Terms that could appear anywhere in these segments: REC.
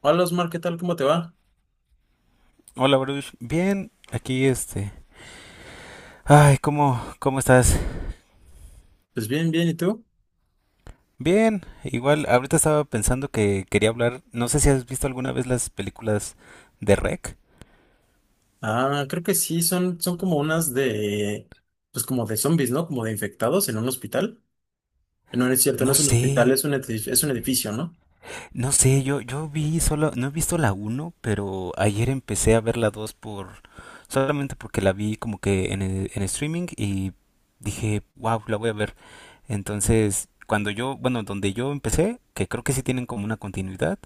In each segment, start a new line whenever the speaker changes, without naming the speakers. Hola Osmar, ¿qué tal? ¿Cómo te va?
Hola, Bruce. Bien, aquí este. Ay, ¿cómo estás?
Pues bien, bien, ¿y tú?
Bien, igual ahorita estaba pensando que quería hablar. No sé si has visto alguna vez las películas de REC.
Ah, creo que sí, son como unas de, pues como de zombies, ¿no? Como de infectados en un hospital. No, no es cierto, no
No
es un
sé,
hospital, es un edificio, ¿no?
no sé, yo vi solo, no he visto la uno, pero ayer empecé a ver la 2 por, solamente porque la vi como que en, en streaming y dije, wow, la voy a ver. Entonces, cuando yo, bueno, donde yo empecé, que creo que sí tienen como una continuidad,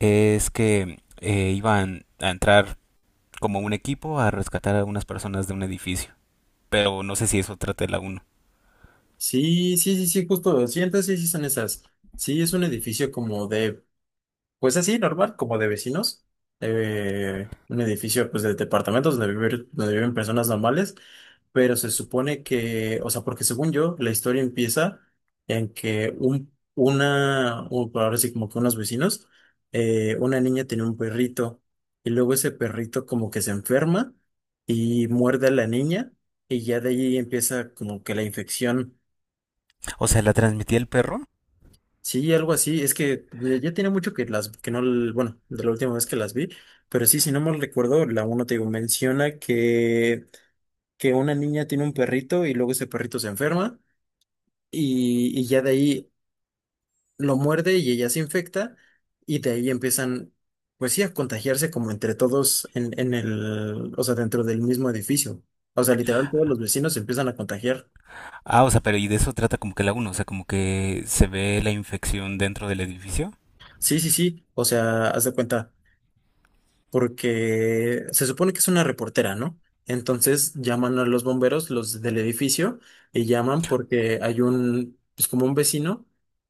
es que iban a entrar como un equipo a rescatar a unas personas de un edificio. Pero no sé si eso trata la uno.
Sí, sí, sí, sí, justo, sí, entonces sí, sí son esas. Sí, es un edificio como de, pues así, normal, como de vecinos. Un edificio, pues, de departamentos donde viven personas normales. Pero se supone que, o sea, porque según yo, la historia empieza en que una, o por ahora sí como que unos vecinos, una niña tenía un perrito y luego ese perrito como que se enferma y muerde a la niña y ya de ahí empieza como que la infección.
O sea, la transmitía el perro.
Sí, algo así. Es que ya tiene mucho que las, que no, l- bueno, de la última vez que las vi, pero sí, si no mal recuerdo, la uno te digo, menciona que una niña tiene un perrito y luego ese perrito se enferma. Y ya de ahí lo muerde y ella se infecta y de ahí empiezan, pues sí, a contagiarse como entre todos o sea, dentro del mismo edificio. O sea, literal, todos los vecinos se empiezan a contagiar.
Ah, o sea, pero y de eso trata como que la uno, o sea, como que se ve la infección dentro del edificio.
Sí, sí, sí, o sea, haz de cuenta, porque se supone que es una reportera, ¿no? Entonces llaman a los bomberos, los del edificio, y llaman porque hay pues como un vecino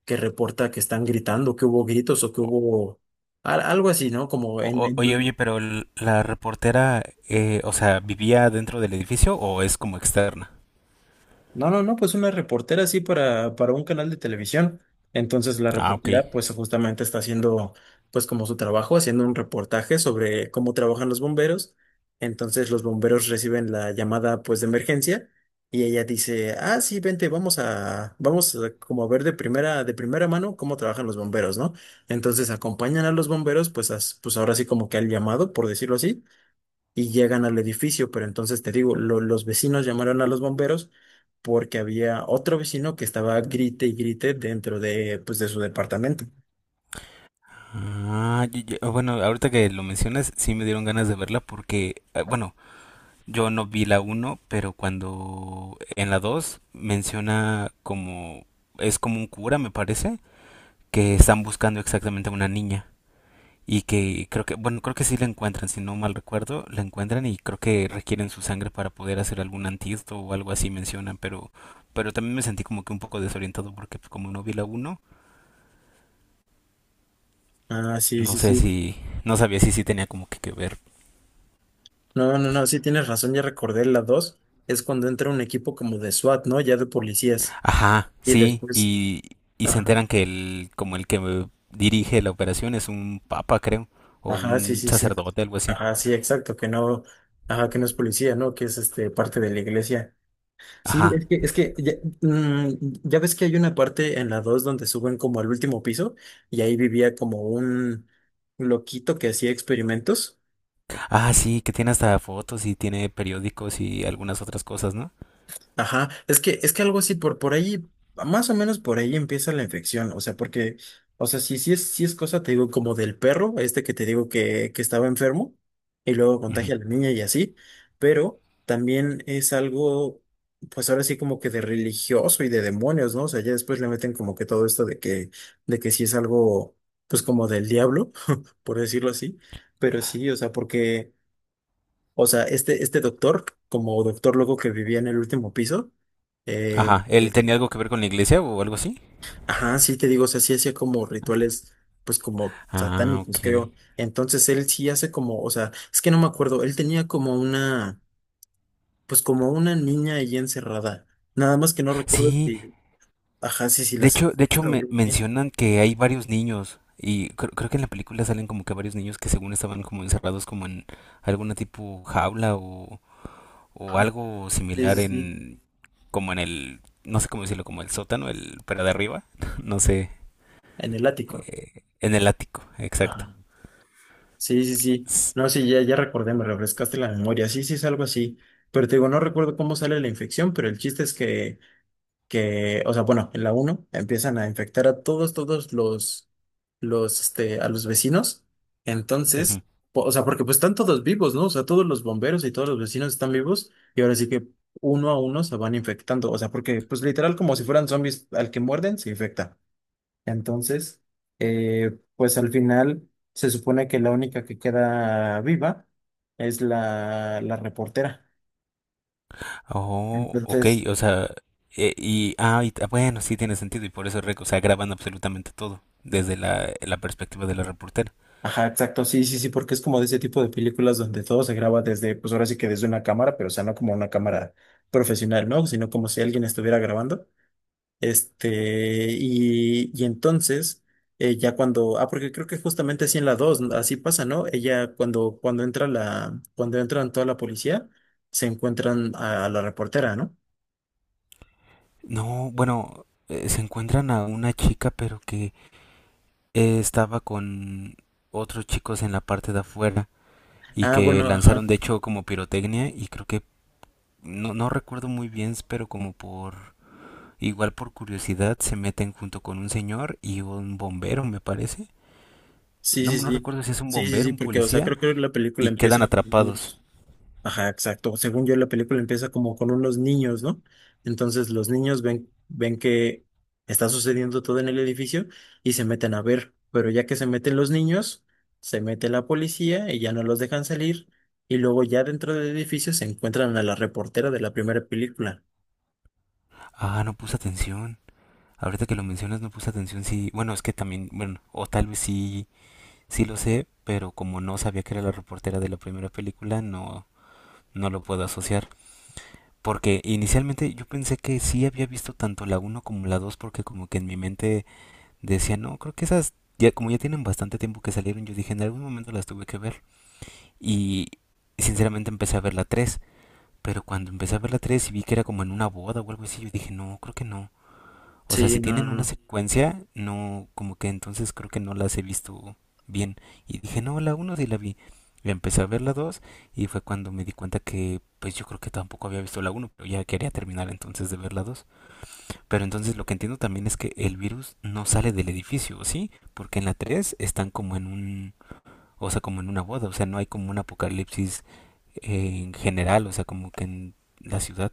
que reporta que están gritando, que hubo gritos o que
O-
hubo algo así, ¿no? Como en,
oye, pero la reportera, o sea, ¿vivía dentro del edificio o es como externa?
No, no, no, pues una reportera así para, un canal de televisión. Entonces la
Ah, ok.
reportera pues justamente está haciendo pues como su trabajo, haciendo un reportaje sobre cómo trabajan los bomberos. Entonces los bomberos reciben la llamada pues de emergencia y ella dice, ah, sí, vente, vamos a como a ver de primera mano cómo trabajan los bomberos, ¿no? Entonces acompañan a los bomberos pues, pues ahora sí como que al llamado, por decirlo así, y llegan al edificio, pero entonces te digo, los vecinos llamaron a los bomberos porque había otro vecino que estaba grite y grite dentro de, pues, de su departamento.
Ah, ya, bueno, ahorita que lo mencionas, sí me dieron ganas de verla porque, bueno, yo no vi la uno pero cuando en la 2 menciona como, es como un cura, me parece, que están buscando exactamente a una niña y que creo que, bueno, creo que sí la encuentran, si no mal recuerdo, la encuentran y creo que requieren su sangre para poder hacer algún antídoto o algo así mencionan, pero también me sentí como que un poco desorientado porque pues, como no vi la uno,
Ah, sí,
no
sí,
sé
sí.
si, no sabía si sí tenía como que ver.
No, no, no, sí tienes razón, ya recordé la dos, es cuando entra un equipo como de SWAT, ¿no? Ya de policías.
Ajá,
Y
sí,
después,
y se
ajá,
enteran que el, como el que dirige la operación es un papa, creo, o
ajá, sí,
un
sí, sí.
sacerdote, algo así.
Ajá, sí, exacto, que no, ajá, que no es policía, ¿no? Que es parte de la iglesia. Sí,
Ajá.
es que, ya, mm, ya ves que hay una parte en la 2 donde suben como al último piso y ahí vivía como un loquito que hacía experimentos.
Ah, sí, que tiene hasta fotos y tiene periódicos y algunas otras cosas, ¿no?
Ajá, es que algo así, por ahí, más o menos por ahí empieza la infección, o sea, porque, o sea, si, si es cosa, te digo, como del perro, este que te digo que estaba enfermo, y luego
Ujú.
contagia a la niña y así, pero también es algo, pues ahora sí como que de religioso y de demonios, ¿no? O sea, ya después le meten como que todo esto de que, sí es algo, pues como del diablo, por decirlo así, pero sí, o sea, porque... O sea, este doctor, como doctor loco que vivía en el último piso, eh,
Ajá,
eh,
¿él tenía algo que ver con la iglesia o algo así?
ajá, sí te digo, o sea, sí hacía como rituales, pues como
Ah, ok.
satánicos, creo. Entonces él sí hace como, o sea, es que no me acuerdo, él tenía como una niña ahí encerrada. Nada más que no recuerdo
Sí,
si, ajá, sí, sí, la
de hecho
secuestra o
me
algo así.
mencionan que hay varios niños y creo, creo que en la película salen como que varios niños que según estaban como encerrados como en alguna tipo jaula o
Ajá,
algo
sí,
similar
sí, sí,
en, como en el, no sé cómo decirlo, como el sótano, el, pero de arriba, no sé,
en el ático.
en el ático, exacto.
Ajá. Sí, sí, sí.
S-
No, sí, ya recordé, me refrescaste la memoria. Sí, sí, es algo así. Pero te digo, no recuerdo cómo sale la infección, pero el chiste es que, o sea, bueno, en la uno empiezan a infectar a todos, todos a los vecinos.
ujú.
Entonces, o sea, porque pues están todos vivos, ¿no? O sea, todos los bomberos y todos los vecinos están vivos y ahora sí que uno a uno se van infectando. O sea, porque pues literal como si fueran zombies, al que muerden se infecta. Entonces, pues al final se supone que la única que queda viva es la reportera.
Oh, ok,
Entonces,
o sea, y, ah, ah, bueno, sí tiene sentido, y por eso, o sea, graban absolutamente todo, desde la, la perspectiva de la reportera.
ajá, exacto, sí, sí, sí, porque es como de ese tipo de películas donde todo se graba desde, pues ahora sí que desde una cámara, pero o sea, no como una cámara profesional, ¿no? Sino como si alguien estuviera grabando. Y entonces, porque creo que justamente así en la 2 así pasa, ¿no? Ella cuando, cuando entran toda la policía, se encuentran a la reportera, ¿no?
No, bueno, se encuentran a una chica, pero que estaba con otros chicos en la parte de afuera, y
Ah,
que
bueno, ajá.
lanzaron, de hecho, como pirotecnia, y creo que, no, no recuerdo muy bien, pero como por... Igual por curiosidad se meten junto con un señor y un bombero, me parece.
Sí,
No,
sí,
no
sí.
recuerdo si es un
Sí, sí,
bombero,
sí,
un
porque, o sea,
policía,
creo que la película
y quedan
empieza.
atrapados.
Ajá, exacto. Según yo, la película empieza como con unos niños, ¿no? Entonces los niños ven que está sucediendo todo en el edificio y se meten a ver. Pero ya que se meten los niños, se mete la policía y ya no los dejan salir. Y luego ya dentro del edificio se encuentran a la reportera de la primera película.
Ah, no puse atención. Ahorita que lo mencionas, no puse atención. Sí, bueno, es que también, bueno, o tal vez sí, sí lo sé, pero como no sabía que era la reportera de la primera película, no, no lo puedo asociar. Porque inicialmente yo pensé que sí había visto tanto la uno como la 2 porque como que en mi mente decía, no, creo que esas, ya, como ya tienen bastante tiempo que salieron, yo dije, en algún momento las tuve que ver. Y sinceramente empecé a ver la tres, pero cuando empecé a ver la 3 y vi que era como en una boda o algo así, yo dije, no, creo que no. O sea,
Sí,
si
no,
tienen
no,
una
no.
secuencia, no, como que entonces creo que no las he visto bien. Y dije, no, la uno sí la vi. Y empecé a ver la 2 y fue cuando me di cuenta que pues yo creo que tampoco había visto la uno pero ya quería terminar entonces de ver la dos. Pero entonces lo que entiendo también es que el virus no sale del edificio, ¿sí? Porque en la 3 están como en un, o sea, como en una boda, o sea, no hay como un apocalipsis en general, o sea, como que en la ciudad.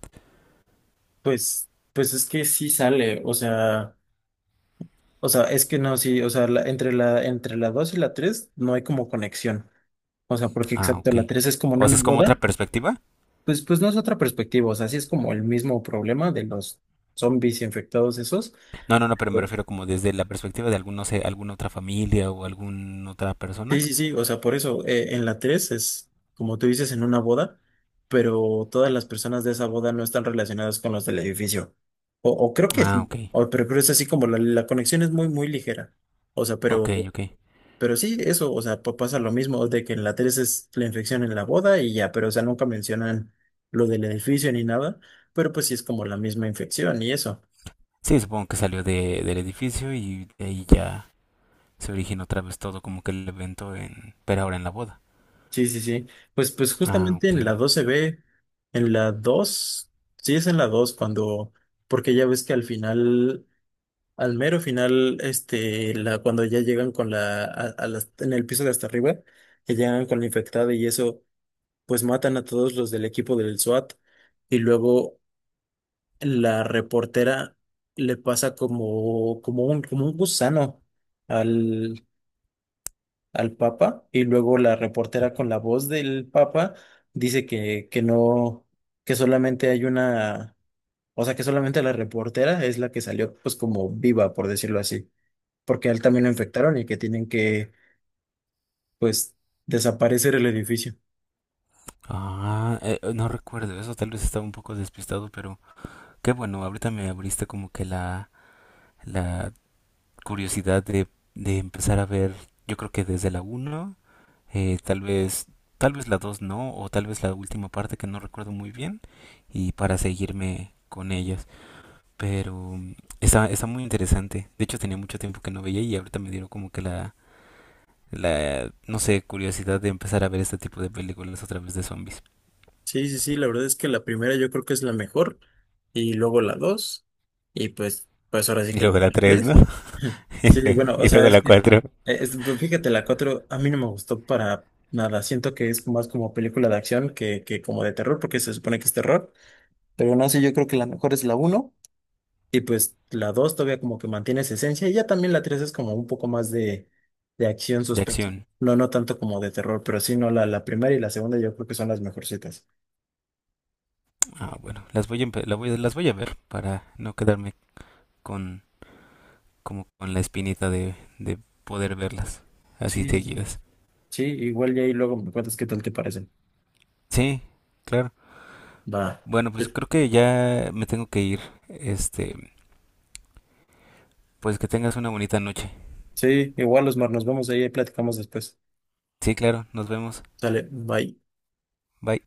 Pues es que sí sale, o sea, es que no, sí, o sea, entre la 2 y la 3 no hay como conexión. O sea, porque
Ah,
exacto, la
ok.
3 es como en
O sea,
una
es como otra
boda.
perspectiva.
Pues no es otra perspectiva, o sea, sí es como el mismo problema de los zombies infectados esos.
No, no, no, pero me
Güey.
refiero como desde la perspectiva de algún, no sé, alguna otra familia o alguna otra
Sí,
persona.
sí, sí, o sea, por eso, en la 3 es, como tú dices, en una boda, pero todas las personas de esa boda no están relacionadas con los del edificio. O, creo que
Ah,
sí,
ok,
pero creo que es así como la conexión es muy, muy ligera. O sea,
ok,
pero,
ok.
pero sí, eso, o sea, pasa lo mismo de que en la 3 es la infección en la boda y ya, pero o sea, nunca mencionan lo del edificio ni nada, pero pues sí es como la misma infección y eso.
Sí, supongo que salió de, del edificio y de ahí ya se originó otra vez todo como que el evento en, pero ahora en la boda.
Sí, sí, sí. Pues
Ah,
justamente
ok.
en la 2 se ve, en la 2, sí es en la 2 cuando, porque ya ves que al final, al mero final, cuando ya llegan con la, a las- en el piso de hasta arriba, que llegan con la infectada y eso, pues matan a todos los del equipo del SWAT y luego la reportera le pasa como un gusano al Papa y luego la reportera con la voz del Papa dice que, no, que solamente hay una, o sea, que solamente la reportera es la que salió pues como viva, por decirlo así, porque a él también lo
Ujú.
infectaron y que tienen que pues desaparecer el edificio.
Ah, no recuerdo eso, tal vez estaba un poco despistado, pero... Qué bueno, ahorita me abriste como que la curiosidad de empezar a ver, yo creo que desde la uno, eh, tal vez, tal vez la 2 no, o tal vez la última parte que no recuerdo muy bien, y para seguirme con ellas. Pero mm, está, está muy interesante. De hecho, tenía mucho tiempo que no veía y ahorita me dieron como que la, no sé, curiosidad de empezar a ver este tipo de películas otra vez de zombies.
Sí, sí, sí, la verdad es que la primera yo creo que es la mejor y luego la dos y pues ahora sí
Y
que el
luego la tres, ¿no?
tres. Sí, bueno, o
Y,
sea,
luego
es
la
que,
cuatro.
pero fíjate, la 4 a mí no me gustó para nada. Siento que es más como película de acción que como de terror, porque se supone que es terror. Pero no sé, yo creo que la mejor es la uno. Y pues la 2 todavía como que mantiene esa esencia. Y ya también la 3 es como un poco más de, acción
De
suspenso.
acción.
No, no tanto como de terror, pero sí, no, la primera y la segunda yo creo que son las mejorcitas.
Ah, bueno, las voy a, las voy a ver para no quedarme con, como con la espinita de poder verlas así
Sí, sí,
seguidas.
sí, igual y ahí luego me cuentas qué tal te parecen.
Sí, claro.
Va.
Bueno, pues creo que ya me tengo que ir. Este, pues que tengas una bonita noche.
Sí, igual, Osmar, nos vemos ahí y platicamos después.
Sí, claro, nos vemos.
Dale, bye.
Bye.